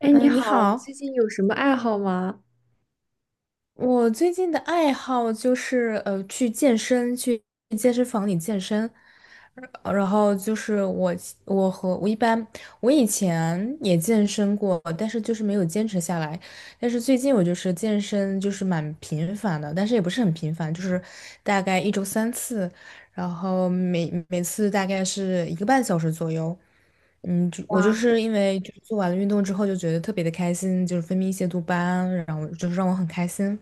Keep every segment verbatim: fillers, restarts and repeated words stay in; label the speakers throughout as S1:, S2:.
S1: 哎，你
S2: 嗯，你
S1: 好，你最
S2: 好。
S1: 近有什么爱好吗？
S2: 我最近的爱好就是呃去健身，去健身房里健身。呃然后就是我我和我一般我以前也健身过，但是就是没有坚持下来。但是最近我就是健身就是蛮频繁的，但是也不是很频繁，就是大概一周三次，然后每每次大概是一个半小时左右。嗯，就我就
S1: 哇
S2: 是因为就是做完了运动之后就觉得特别的开心，就是分泌一些多巴胺，然后就是让我很开心。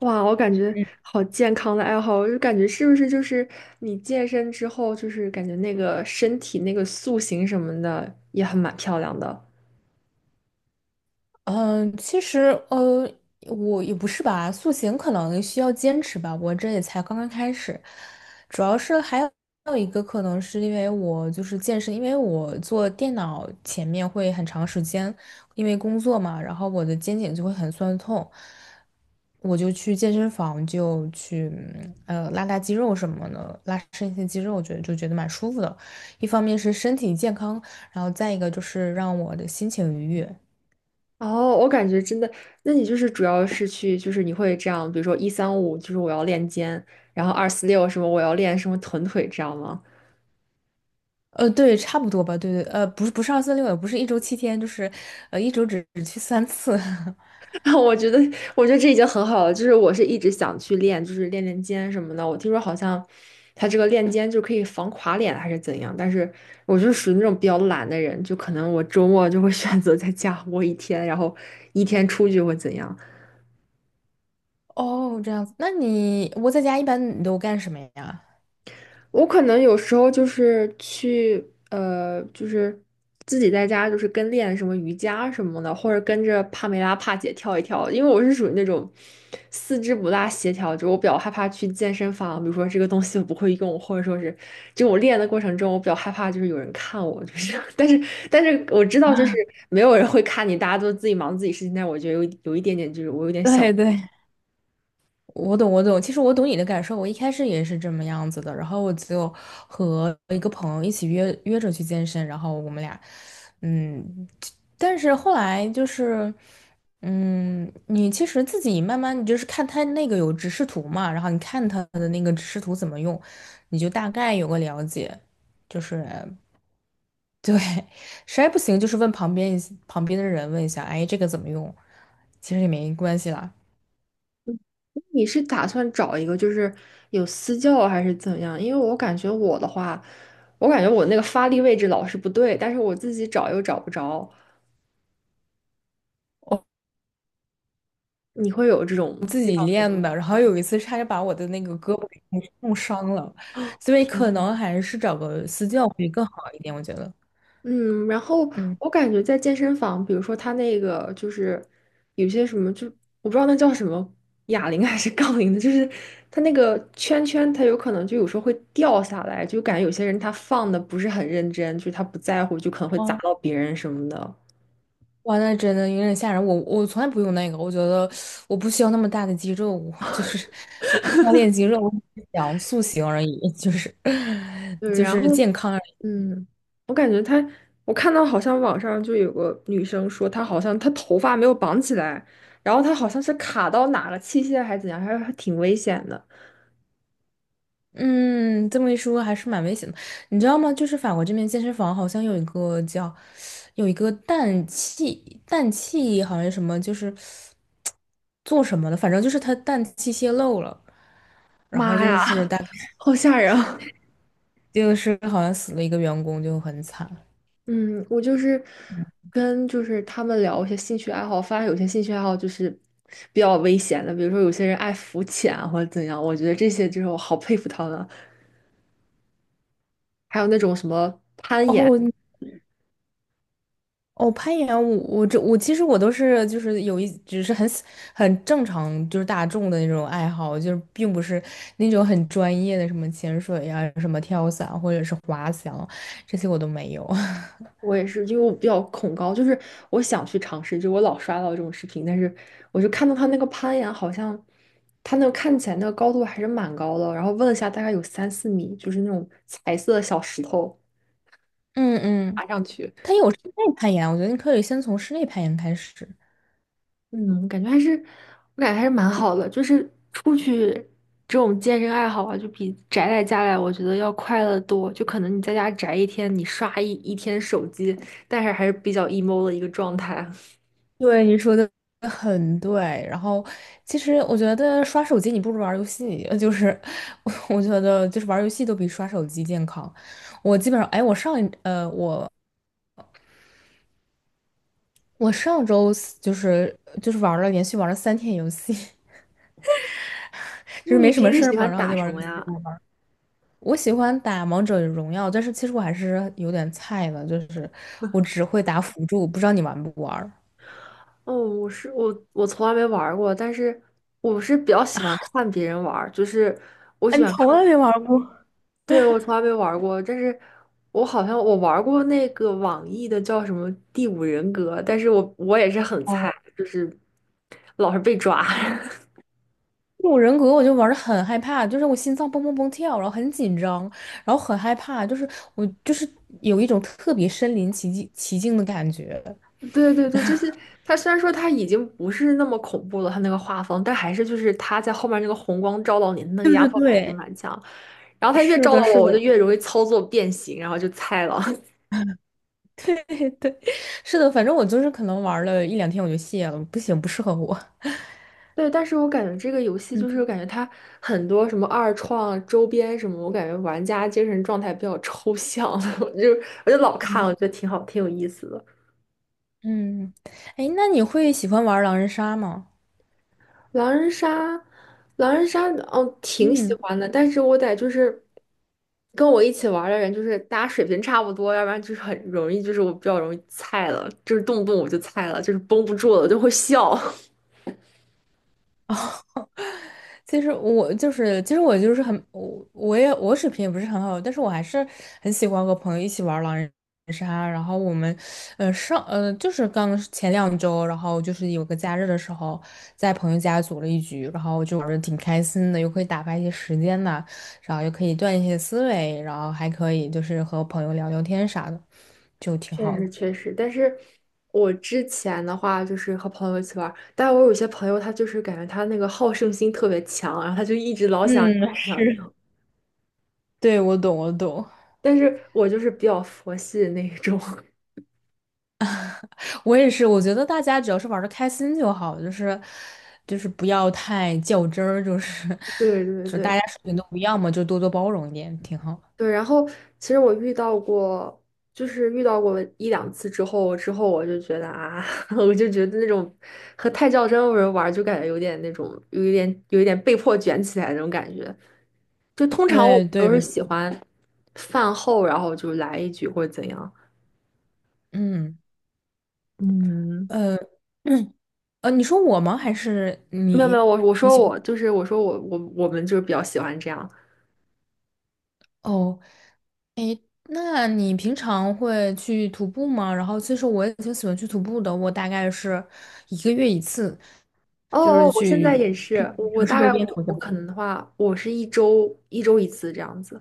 S1: 哇，我感觉好健康的爱好，我就感觉是不是就是你健身之后，就是感觉那个身体那个塑形什么的也很蛮漂亮的。
S2: 嗯，其实呃，我也不是吧。塑形可能需要坚持吧，我这也才刚刚开始。主要是还有还有一个可能是因为我就是健身，因为我坐电脑前面会很长时间。因为工作嘛，然后我的肩颈就会很酸痛。我就去健身房就去嗯呃拉拉肌肉什么的，拉伸一些肌肉，我觉得就觉得蛮舒服的。一方面是身体健康，然后再一个就是让我的心情愉悦。
S1: 哦，我感觉真的，那你就是主要是去，就是你会这样，比如说一三五，就是我要练肩，然后二四六什么我要练什么臀腿，这样吗？
S2: 呃，对，差不多吧，对对。呃，不是不是二四六，也不是一周七天，就是呃一周只只去三次。
S1: 我觉得，我觉得这已经很好了。就是我是一直想去练，就是练练肩什么的。我听说好像他这个练肩就可以防垮脸还是怎样，但是我就是属于那种比较懒的人，就可能我周末就会 选择在家窝一天，然后一天出去会怎样。
S2: 哦，这样子，那你我在家一般你都干什么呀？
S1: 我可能有时候就是去呃，就是自己在家就是跟练什么瑜伽什么的，或者跟着帕梅拉帕姐跳一跳，因为我是属于那种四肢不大协调，就我比较害怕去健身房，比如说这个东西我不会用，或者说是就我练的过程中，我比较害怕就是有人看我，就是 但是但是我知道就是没有人会看你，大家都自己忙自己事情，但我觉得有有一点点就是我有点小。
S2: 对对，我懂，我懂。其实我懂你的感受，我一开始也是这么样子的。然后我就和一个朋友一起约约着去健身，然后我们俩。嗯，但是后来就是。嗯，你其实自己慢慢，你就是看他那个有指示图嘛，然后你看他的那个指示图怎么用，你就大概有个了解。就是对。实在不行就是问旁边一旁边的人问一下，哎，这个怎么用？其实也没关系啦。
S1: 你是打算找一个就是有私教还是怎样？因为我感觉我的话，我感觉我那个发力位置老是不对，但是我自己找又找不着。你会有这种
S2: 自
S1: 这
S2: 己
S1: 方面
S2: 练
S1: 的问
S2: 的，然
S1: 题？
S2: 后有一次差点把我的那个胳膊给弄弄伤了，所以可能
S1: 天，
S2: 还是找个私教会更好一点，我觉得。
S1: 嗯，然后
S2: 嗯。
S1: 我感觉在健身房，比如说他那个就是有些什么，就我不知道那叫什么，哑铃 还是杠铃的，就是他那个圈圈，他有可能就有时候会掉下来，就感觉有些人他放的不是很认真，就是他不在乎，就可能会砸
S2: 哦。
S1: 到别人什么的。
S2: 哇，那真的有点吓人。我我从来不用那个，我觉得我不需要那么大的肌肉。我就是我不需要练肌肉，我只是想塑形而已，就是
S1: 对，
S2: 就
S1: 然
S2: 是
S1: 后
S2: 健康。
S1: 嗯，我感觉她，我看到好像网上就有个女生说，她好像她头发没有绑起来，然后她好像是卡到哪了，器械还是怎样，还还挺危险的。
S2: 嗯，这么一说还是蛮危险的，你知道吗？就是法国这边健身房好像有一个叫，有一个氮气氮气好像什么，就是做什么的，反正就是它氮气泄漏了，然后
S1: 妈
S2: 就
S1: 呀，好吓人啊！
S2: 是好像死了一个员工，就很惨。
S1: 嗯，我就是跟就是他们聊一些兴趣爱好，发现有些兴趣爱好就是比较危险的，比如说有些人爱浮潜啊或者怎样，我觉得这些就是我好佩服他们啊。还有那种什么攀岩。
S2: 哦。哦，攀岩我我这我其实我都是就是有一只是很很正常就是大众的那种爱好，就是并不是那种很专业的什么潜水呀、什么跳伞或者是滑翔这些我都没有。
S1: 我也是，因为我比较恐高，就是我想去尝试，就我老刷到这种视频，但是我就看到他那个攀岩，好像他那个看起来那个高度还是蛮高的，然后问了一下，大概有三四米，就是那种彩色的小石头
S2: 嗯嗯，
S1: 爬上去，
S2: 它有室内攀岩，我觉得你可以先从室内攀岩开始。
S1: 嗯，我感觉还是，我感觉还是蛮好的，就是出去这种健身爱好啊，就比宅在家里，我觉得要快乐得多。就可能你在家宅一天，你刷一一天手机，但是还是比较 emo 的一个状态。
S2: 对，你说的很对。然后，其实我觉得刷手机你不如玩儿游戏，呃就是 我觉得就是玩儿游戏都比刷手机健康。我基本上，哎，我上一呃，我我上周四就是就是玩了连续玩了三天游戏。就是没
S1: 你
S2: 什
S1: 平
S2: 么
S1: 时
S2: 事儿
S1: 喜
S2: 嘛，
S1: 欢
S2: 然后
S1: 打
S2: 就玩
S1: 什
S2: 游
S1: 么
S2: 戏
S1: 呀？
S2: 了。我喜欢打王者荣耀，但是其实我还是有点菜的，就是我只会打辅助，不知道你玩不玩儿？
S1: 哦，我是我，我从来没玩儿过，但是我是比较喜欢看别人玩儿，就是我
S2: 哎，
S1: 喜
S2: 你
S1: 欢
S2: 从
S1: 看，
S2: 来没玩过？
S1: 对，我从来没玩儿过，但是我好像我玩儿过那个网易的叫什么《第五人格》，但是我我也是很菜，
S2: 哦，
S1: 就是老是被抓。
S2: 这种人格我就玩的很害怕，就是我心脏蹦蹦蹦跳，然后很紧张，然后很害怕，就是我就是有一种特别身临其境其境的感觉。
S1: 对对对，就是它虽然说它已经不是那么恐怖了，它那个画风，但还是就是它在后面那个红光照到你，那个压
S2: 对
S1: 迫感还是
S2: 对，
S1: 蛮强。然后它越
S2: 是
S1: 照到
S2: 的，
S1: 我，
S2: 是
S1: 我就
S2: 的。
S1: 越容易操作变形，然后就菜了。
S2: 对对，是的，反正我就是可能玩了一两天我就卸了，不行，不适合我。
S1: 对，但是我感觉这个游 戏就
S2: 嗯
S1: 是感觉它很多什么二创周边什么，我感觉玩家精神状态比较抽象，我就我就老看，我觉得挺好，挺有意思的。
S2: 嗯，哎，那你会喜欢玩狼人杀吗？
S1: 狼人杀，狼人杀，哦，挺喜
S2: 嗯。
S1: 欢的，但是我得就是跟我一起玩儿的人，就是大家水平差不多，要不然就是很容易，就是我比较容易菜了，就是动不动我就菜了，就是绷不住了，我就会笑。
S2: 哦。其实我就是，其实我就是很，我我也我水平也不是很好，但是我还是很喜欢和朋友一起玩狼人杀。然后我们，呃，上呃就是刚前两周，然后就是有个假日的时候，在朋友家组了一局，然后就玩的挺开心的，又可以打发一些时间呐，然后又可以锻炼一些思维，然后还可以就是和朋友聊聊天啥的，就挺
S1: 确
S2: 好
S1: 实
S2: 的。
S1: 确实，但是我之前的话就是和朋友一起玩儿，但我有些朋友他就是感觉他那个好胜心特别强，然后他就一直老想赢
S2: 嗯，
S1: 老想赢，
S2: 对，我懂，我懂。
S1: 但是我就是比较佛系的那一种。
S2: 我也是，我觉得大家只要是玩的开心就好，就是就是不要太较真儿，就是
S1: 对对
S2: 就是
S1: 对，
S2: 大家水平都不一样嘛，就多多包容一点，挺好。
S1: 对，然后其实我遇到过，就是遇到过一两次之后，之后我就觉得啊，我就觉得那种和太较真的人玩儿就感觉有点那种，有一点有一点被迫卷起来的那种感觉。就通常我
S2: 对
S1: 都
S2: 对，
S1: 是
S2: 没错。
S1: 喜欢饭后，然后就来一局或者怎样。
S2: 嗯，
S1: 嗯，
S2: 呃，嗯呃，你说我吗？还是
S1: 没有没
S2: 你？
S1: 有，我我说我就是我说我我我们就是比较喜欢这样。
S2: 哦，那你平常会去徒步吗？然后其实我也挺喜欢去徒步的，我大概是一个月一次，
S1: 哦哦，我现在也是，我我
S2: 城市
S1: 大
S2: 周
S1: 概
S2: 边
S1: 我
S2: 徒一下
S1: 我可
S2: 步。
S1: 能的话，我是一周一周一次这样子。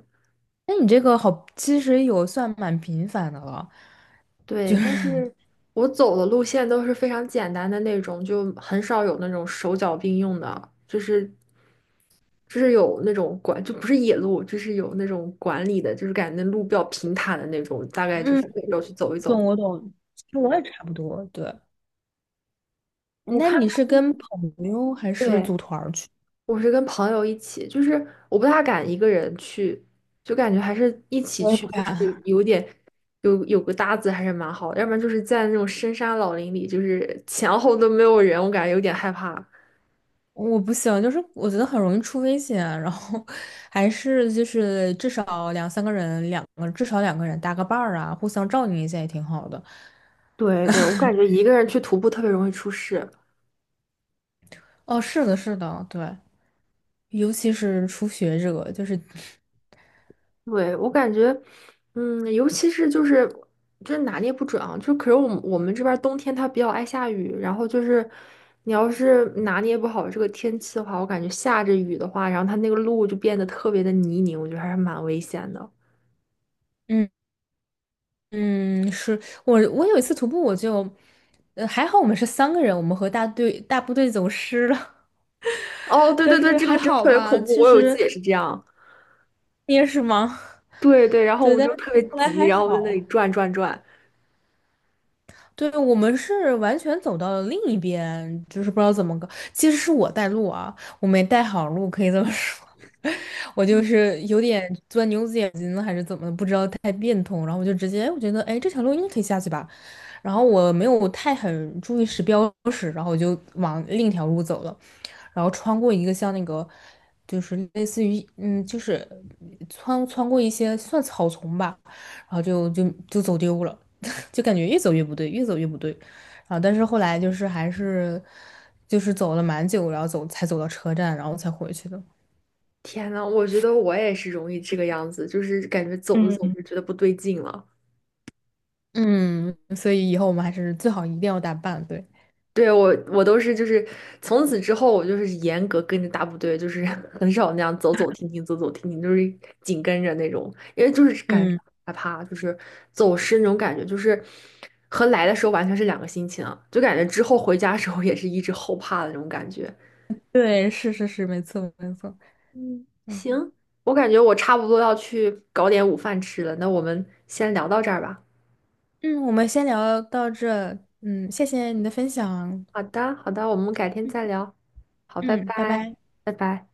S2: 那你这个好，其实有算蛮频繁的了。就
S1: 对，但
S2: 是。
S1: 是我走的路线都是非常简单的那种，就很少有那种手脚并用的，就是就是有那种管，就不是野路，就是有那种管理的，就是感觉那路比较平坦的那种，大概就
S2: 嗯。
S1: 是每周去走一走。
S2: 懂我懂，其实我也差不多。对，
S1: 我
S2: 那
S1: 看
S2: 你是
S1: 他，
S2: 跟朋友还是
S1: 对，
S2: 组团儿去？
S1: 我是跟朋友一起，就是我不大敢一个人去，就感觉还是一 起
S2: 我也
S1: 去，
S2: 不
S1: 就
S2: 敢，
S1: 是有点，有有个搭子还是蛮好的，要不然就是在那种深山老林里，就是前后都没有人，我感觉有点害怕。
S2: 我不行，就是我觉得很容易出危险，然后 还是就是至少两三个人，两个至少两个人搭个伴儿啊，互相照应一下也挺好的。
S1: 对对，我感觉一个人去徒步特别容易出事。
S2: 哦，是的，是的，对。尤其是初学者，就是。
S1: 对，我感觉，嗯，尤其是就是就是拿捏不准啊，就可是我们我们这边儿冬天它比较爱下雨，然后就是你要是拿捏不好这个天气的话，我感觉下着雨的话，然后它那个路就变得特别的泥泞，我觉得还是蛮危险的。
S2: 嗯嗯，是。我我有一次徒步我就，呃，还好我们是三个人，我们和大队大部队走失了。
S1: 哦，对
S2: 但
S1: 对对，
S2: 是
S1: 这个
S2: 还
S1: 真
S2: 好
S1: 特别
S2: 吧，
S1: 恐怖，
S2: 其
S1: 我有一次
S2: 实
S1: 也是这样。
S2: 也是吗？
S1: 对对，然 后我
S2: 对，
S1: 们
S2: 但
S1: 就
S2: 是
S1: 特别
S2: 后来
S1: 急，
S2: 还
S1: 然后我在那里
S2: 好。
S1: 转转转。
S2: 对，我们是完全走到了另一边，就是不知道怎么个，其实是我带路啊，我没带好路，可以这么说。我就是有点钻牛子眼睛了还是怎么的不知道太变通，然后我就直接我觉得，哎，这条路应该可以下去吧。然后我没有太很注意时标识，然后我就往另一条路走了，然后穿过一个像那个，就是类似于嗯，就是穿穿过一些算草丛吧，然后就就就走丢了。就感觉越走越不对，越走越不对。然后，但是后来就是还是就是走了蛮久，然后走才走到车站，然后才回去的。
S1: 天呐，我觉得我也是容易这个样子，就是感觉走着走
S2: 嗯，
S1: 着觉得不对劲了。
S2: 嗯，所以以后我们还是最好一定要打扮，对。
S1: 对，我我都是就是从此之后，我就是严格跟着大部队，就是 很少那样走走停停，走走停停，就是紧跟着那种，因为就是感觉
S2: 嗯，
S1: 害怕，就是走失那种感觉，就是和来的时候完全是两个心情啊，就感觉之后回家的时候也是一直后怕的那种感觉。
S2: 对，是是是，没错没错。
S1: 嗯，
S2: 嗯
S1: 行，我感觉我差不多要去搞点午饭吃了，那我们先聊到这儿吧。
S2: 嗯，我们先聊到这。嗯，谢谢你的分享。
S1: 好的，好的，我们改天
S2: 嗯，
S1: 再聊。好，拜
S2: 嗯拜
S1: 拜，
S2: 拜。
S1: 拜拜。